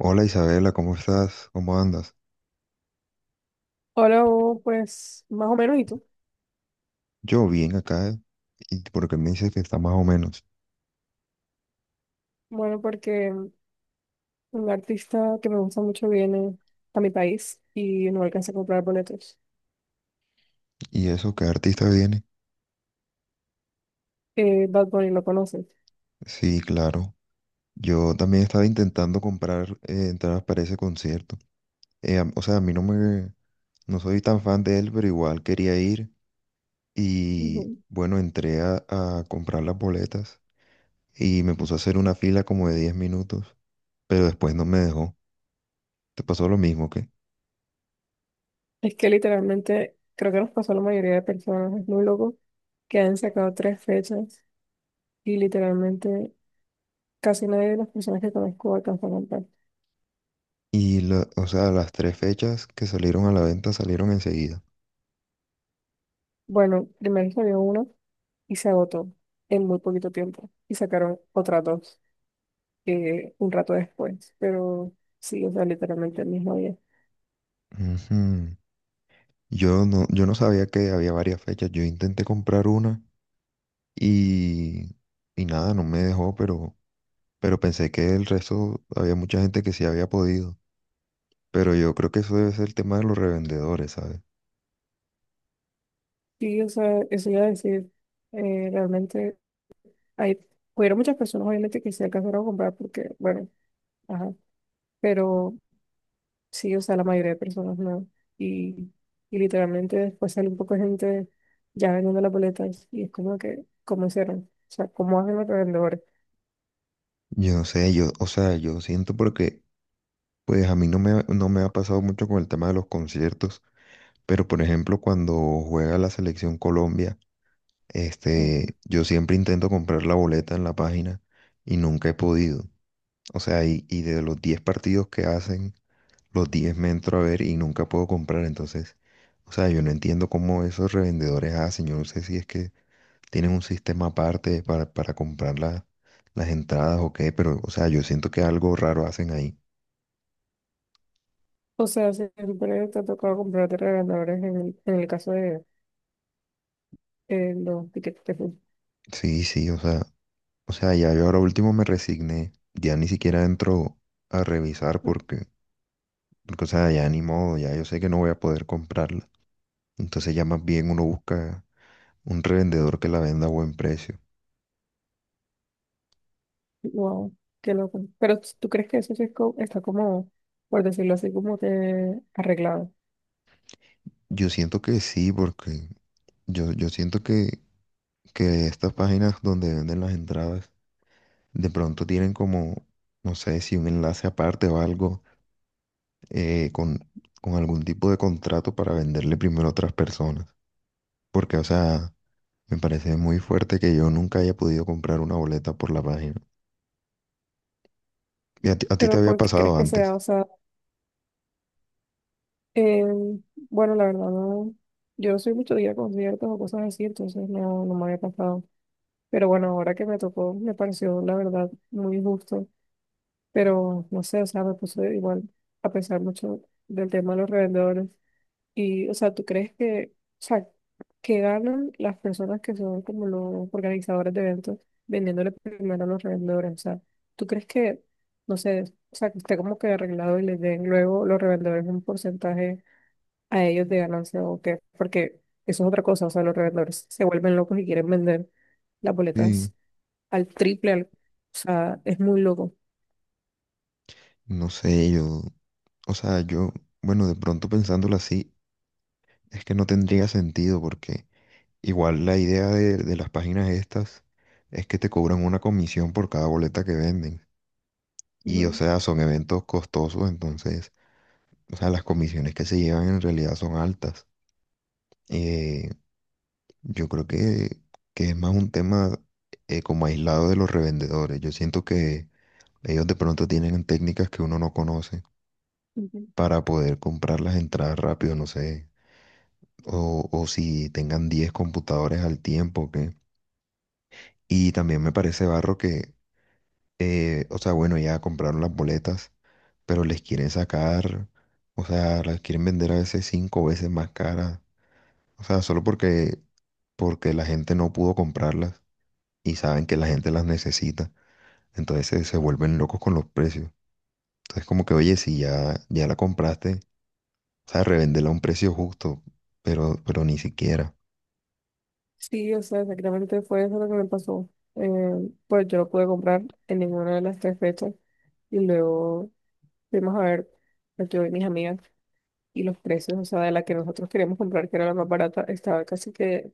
Hola Isabela, ¿cómo estás? ¿Cómo andas? Hola, Hugo, pues más o menos, ¿y tú? Yo bien acá, y porque me dices que está más o menos. Bueno, porque un artista que me gusta mucho viene a mi país y no alcanza a comprar boletos. ¿Y eso qué artista viene? Bad Bunny, ¿lo conoces? Sí, claro. Yo también estaba intentando comprar entradas para ese concierto. O sea, a mí no me, no soy tan fan de él, pero igual quería ir. Y Ujú. bueno, entré a comprar las boletas y me puso a hacer una fila como de 10 minutos, pero después no me dejó. ¿Te pasó lo mismo que? Es que literalmente creo que nos pasó a la mayoría de personas, es muy loco, que han sacado tres fechas y literalmente casi nadie de las personas que conozco alcanzó a comprar. Y, o sea, las tres fechas que salieron a la venta salieron enseguida. Bueno, primero salió una y se agotó en muy poquito tiempo y sacaron otras dos. Un rato después, pero sí, o sea, literalmente el mismo día. Ujú. Yo no sabía que había varias fechas. Yo intenté comprar una y, y nada, no me dejó, pero pensé que el resto había mucha gente que sí había podido. Pero yo creo que eso debe ser el tema de los revendedores, ¿sabes? Sí, o sea, eso iba a decir. Realmente hay, hubieron muchas personas obviamente que se alcanzaron a comprar porque, bueno, ajá, pero sí, o sea, la mayoría de personas no. Y, y literalmente después sale un poco de gente ya vendiendo las boletas y es como que, ¿cómo hicieron? O sea, ¿cómo hacen los revendedores? Yo no sé, yo, o sea, yo siento porque, pues a mí no me, no me ha pasado mucho con el tema de los conciertos, pero por ejemplo, cuando juega la selección Colombia, No. Yo siempre intento comprar la boleta en la página y nunca he podido. O sea, y de los 10 partidos que hacen, los 10 me entro a ver y nunca puedo comprar. Entonces, o sea, yo no entiendo cómo esos revendedores hacen. Yo no sé si es que tienen un sistema aparte para comprar las entradas o qué, pero, o sea, yo siento que algo raro hacen ahí. O sea, siempre te ha tocado comprar de revendedores en el caso de los tickets de fútbol. Sí, sí, o sea, ya yo ahora último me resigné. Ya ni siquiera entro a revisar porque, o sea, ya ni modo, ya yo sé que no voy a poder comprarla. Entonces ya más bien uno busca un revendedor que la venda a buen precio. Wow, qué loco. Pero tú crees que eso sí está como, por decirlo así, como que arreglado. Yo siento que sí, porque yo siento que estas páginas donde venden las entradas de pronto tienen como, no sé, si un enlace aparte o algo eh, con, con algún tipo de contrato para venderle primero a otras personas. Porque, o sea, me parece muy fuerte que yo nunca haya podido comprar una boleta por la página. ¿Y a ti te Pero había ¿por qué crees pasado que antes? sea? O sea, eh, bueno, la verdad, no. Yo no soy mucho de ir a conciertos o cosas así, entonces no, no me había pasado. Pero bueno, ahora que me tocó, me pareció, la verdad, muy injusto. Pero no sé, o sea, me puse igual a pensar mucho del tema de los revendedores. Y, o sea, ¿tú crees que, o sea, que ganan las personas que son como los organizadores de eventos vendiéndole primero a los revendedores? O sea, ¿tú crees que, no sé, o sea, que esté como que arreglado y les den luego los revendedores un porcentaje a ellos de ganancia o qué? Porque eso es otra cosa, o sea, los revendedores se vuelven locos y quieren vender las Sí. boletas al triple, o sea, es muy loco. No sé, yo, o sea, yo, bueno, de pronto pensándolo así, es que no tendría sentido porque... Igual la idea de las páginas estas es que te cobran una comisión por cada boleta que venden. Y o sea, son eventos costosos, entonces, o sea, las comisiones que se llevan en realidad son altas. Eh, yo creo que es más un tema como aislado de los revendedores. Yo siento que ellos de pronto tienen técnicas que uno no conoce Ujú. Ujú. para poder comprar las entradas rápido, no sé. O si tengan 10 computadores al tiempo, que... Y también me parece barro que o sea, bueno, ya compraron las boletas, pero les quieren sacar, o sea, las quieren vender a veces cinco veces más caras. O sea, solo porque la gente no pudo comprarlas y saben que la gente las necesita. Entonces se vuelven locos con los precios. Entonces como que, oye, si ya, ya la compraste, o sea, revéndela a un precio justo, pero ni siquiera. Sí, o sea, exactamente fue eso lo que me pasó. Eh, pues yo no pude comprar en ninguna de las tres fechas y luego fuimos a ver, pues, yo y mis amigas y los precios, o sea, de la que nosotros queríamos comprar, que era la más barata, estaba casi que, o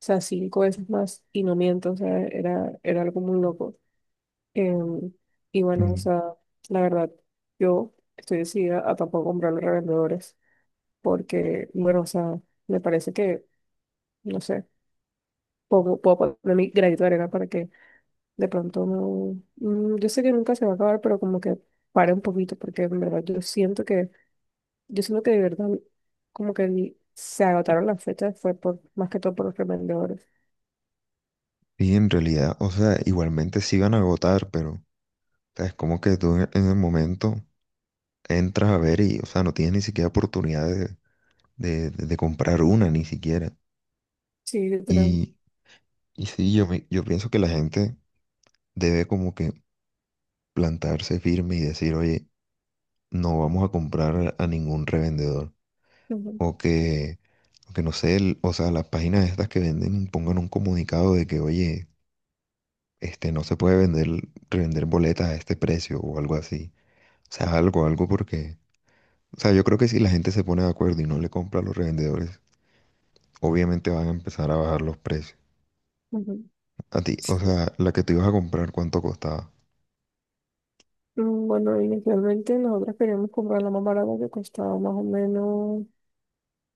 sea, cinco veces más y no miento, o sea, era algo muy loco. Em, y bueno, o Mm, sea, la verdad, yo estoy decidida a tampoco comprar los revendedores porque, bueno, o sea, me parece que, no sé, puedo poner mi granito de arena para que de pronto no, yo sé que nunca se va a acabar, pero como que pare un poquito, porque en verdad yo siento que de verdad como que se agotaron las fechas, fue por, más que todo por los revendedores. Sí, en realidad, o sea, igualmente sí van a agotar, pero o sea, es como que tú en el momento entras a ver y, o sea, no tienes ni siquiera oportunidad de comprar una, ni siquiera. Sí, literal. Y, y sí, yo, yo pienso que la gente debe como que plantarse firme y decir, oye, no vamos a comprar a ningún revendedor. Ujú, O que, o que no sé, o sea, las páginas estas que venden pongan un comunicado de que, oye, no se puede vender, revender boletas a este precio o algo así. O sea, algo, algo porque... O sea, yo creo que si la gente se pone de acuerdo y no le compra a los revendedores, obviamente van a empezar a bajar los precios. ujú. A ti, o Sí. sea, la que te ibas a comprar, ¿cuánto costaba? Bueno, inicialmente nosotros queríamos comprar la más barata que costaba más o menos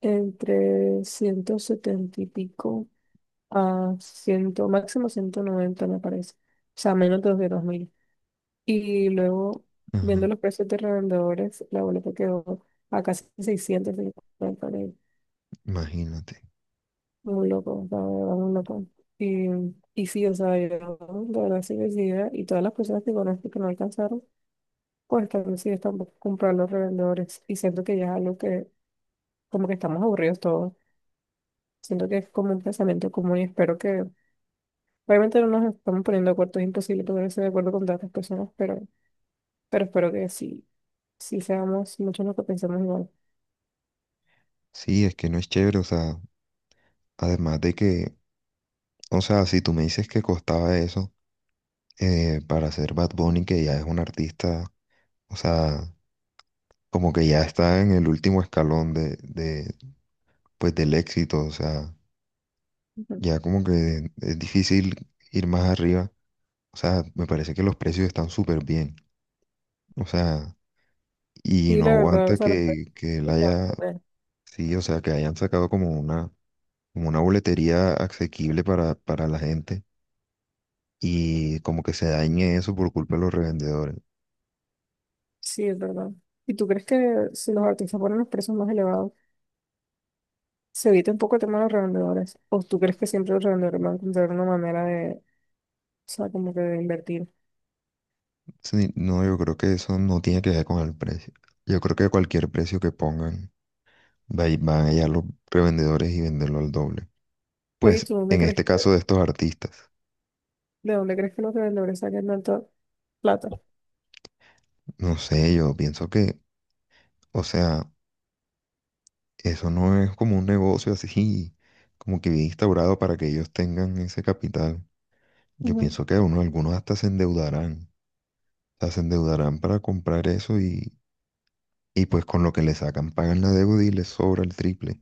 entre 170 y pico a 100, máximo 190 me parece. O sea, menos de los de 2.000. Y luego, viendo Ajá, los precios de revendedores, la boleta quedó a casi 650 mil. imagínate. Muy loco, o sea, de verdad, muy loco. Y, y sí, o sea, yo de verdad sí decidida y todas las personas que conozco que no alcanzaron, pues también sí están por comprar los revendedores. Y siento que ya es algo que, como que estamos aburridos todos. Siento que es como un pensamiento común y espero que, obviamente no nos estamos poniendo de acuerdo, es imposible ponerse de acuerdo con tantas personas, pero espero que sí, sí seamos muchos los que pensamos igual. Sí, es que no es chévere, o sea, además de que, o sea, si tú me dices que costaba eso para ser Bad Bunny, que ya es un artista, o sea, como que ya está en el último escalón de pues del éxito, o sea, ya como que es difícil ir más arriba, o sea, me parece que los precios están súper bien, o sea, y Sí, no la verdad, o aguanta sea, los precios que él están haya. bastante bien. Sí, o sea, que hayan sacado como una boletería asequible para la gente y como que se dañe eso por culpa de los revendedores. Sí, es verdad. ¿Y tú crees que si los artistas ponen los precios más elevados, se evita un poco el tema de los revendedores? ¿O tú crees que siempre los revendedores van a encontrar una manera de, o sea, como que de invertir? Sí, no, yo creo que eso no tiene que ver con el precio. Yo creo que cualquier precio que pongan, van allá los revendedores y venderlo al doble. Oye, Pues ¿tú dónde en crees este caso que, de estos artistas, de dónde crees que los revendedores sacan tanta plata? no sé, yo pienso que, o sea, eso no es como un negocio así, como que bien instaurado para que ellos tengan ese capital. Yo Ujú, pienso que uno, algunos hasta se endeudarán. Sea, se endeudarán para comprar eso y pues con lo que le sacan pagan la deuda y les sobra el triple.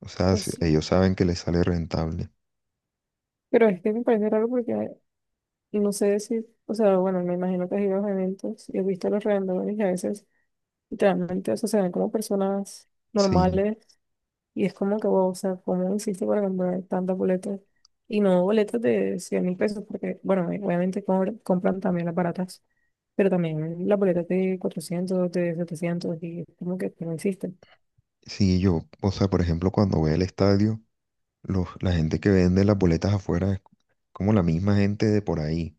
O sea, pues sí. ellos saben que les sale rentable. Pero es que me parece raro porque no sé si, o sea, bueno, me imagino que has ido a los eventos y has visto a los revendedores y a veces literalmente, o sea, se ven como personas Sí, normales. Y es como que, wow, o sea, ¿cómo hiciste para comprar tantas boletas? Y no boletas de 100.000 pesos, porque, bueno, obviamente compran también las baratas, pero también las boletas de 400 de 700 y es como que no existen. sí, yo, o sea, por ejemplo, cuando voy al estadio, la gente que vende las boletas afuera es como la misma gente de por ahí.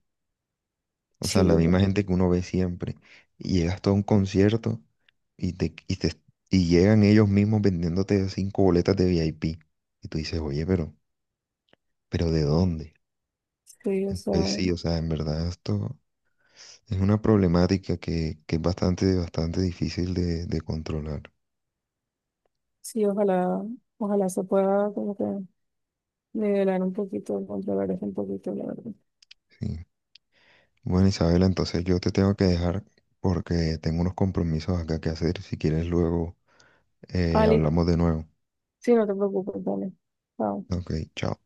O sea, Sí, la o sea, misma gente que uno ve siempre. Y llegas todo a un concierto y y llegan ellos mismos vendiéndote cinco boletas de VIP. Y tú dices, oye, pero ¿de dónde? sí, o sea, Entonces sí, o sea, en verdad esto. Es una problemática que es bastante, bastante difícil de controlar, sí, ojalá, ojalá se pueda como que nivelar un poquito, controlar eso un poquito, la verdad. sí. Bueno, Isabela, entonces yo te tengo que dejar porque tengo unos compromisos acá que hacer. Si quieres, luego Ali, hablamos de nuevo. sí, no te preocupes, dale. Chao. Ok, chao.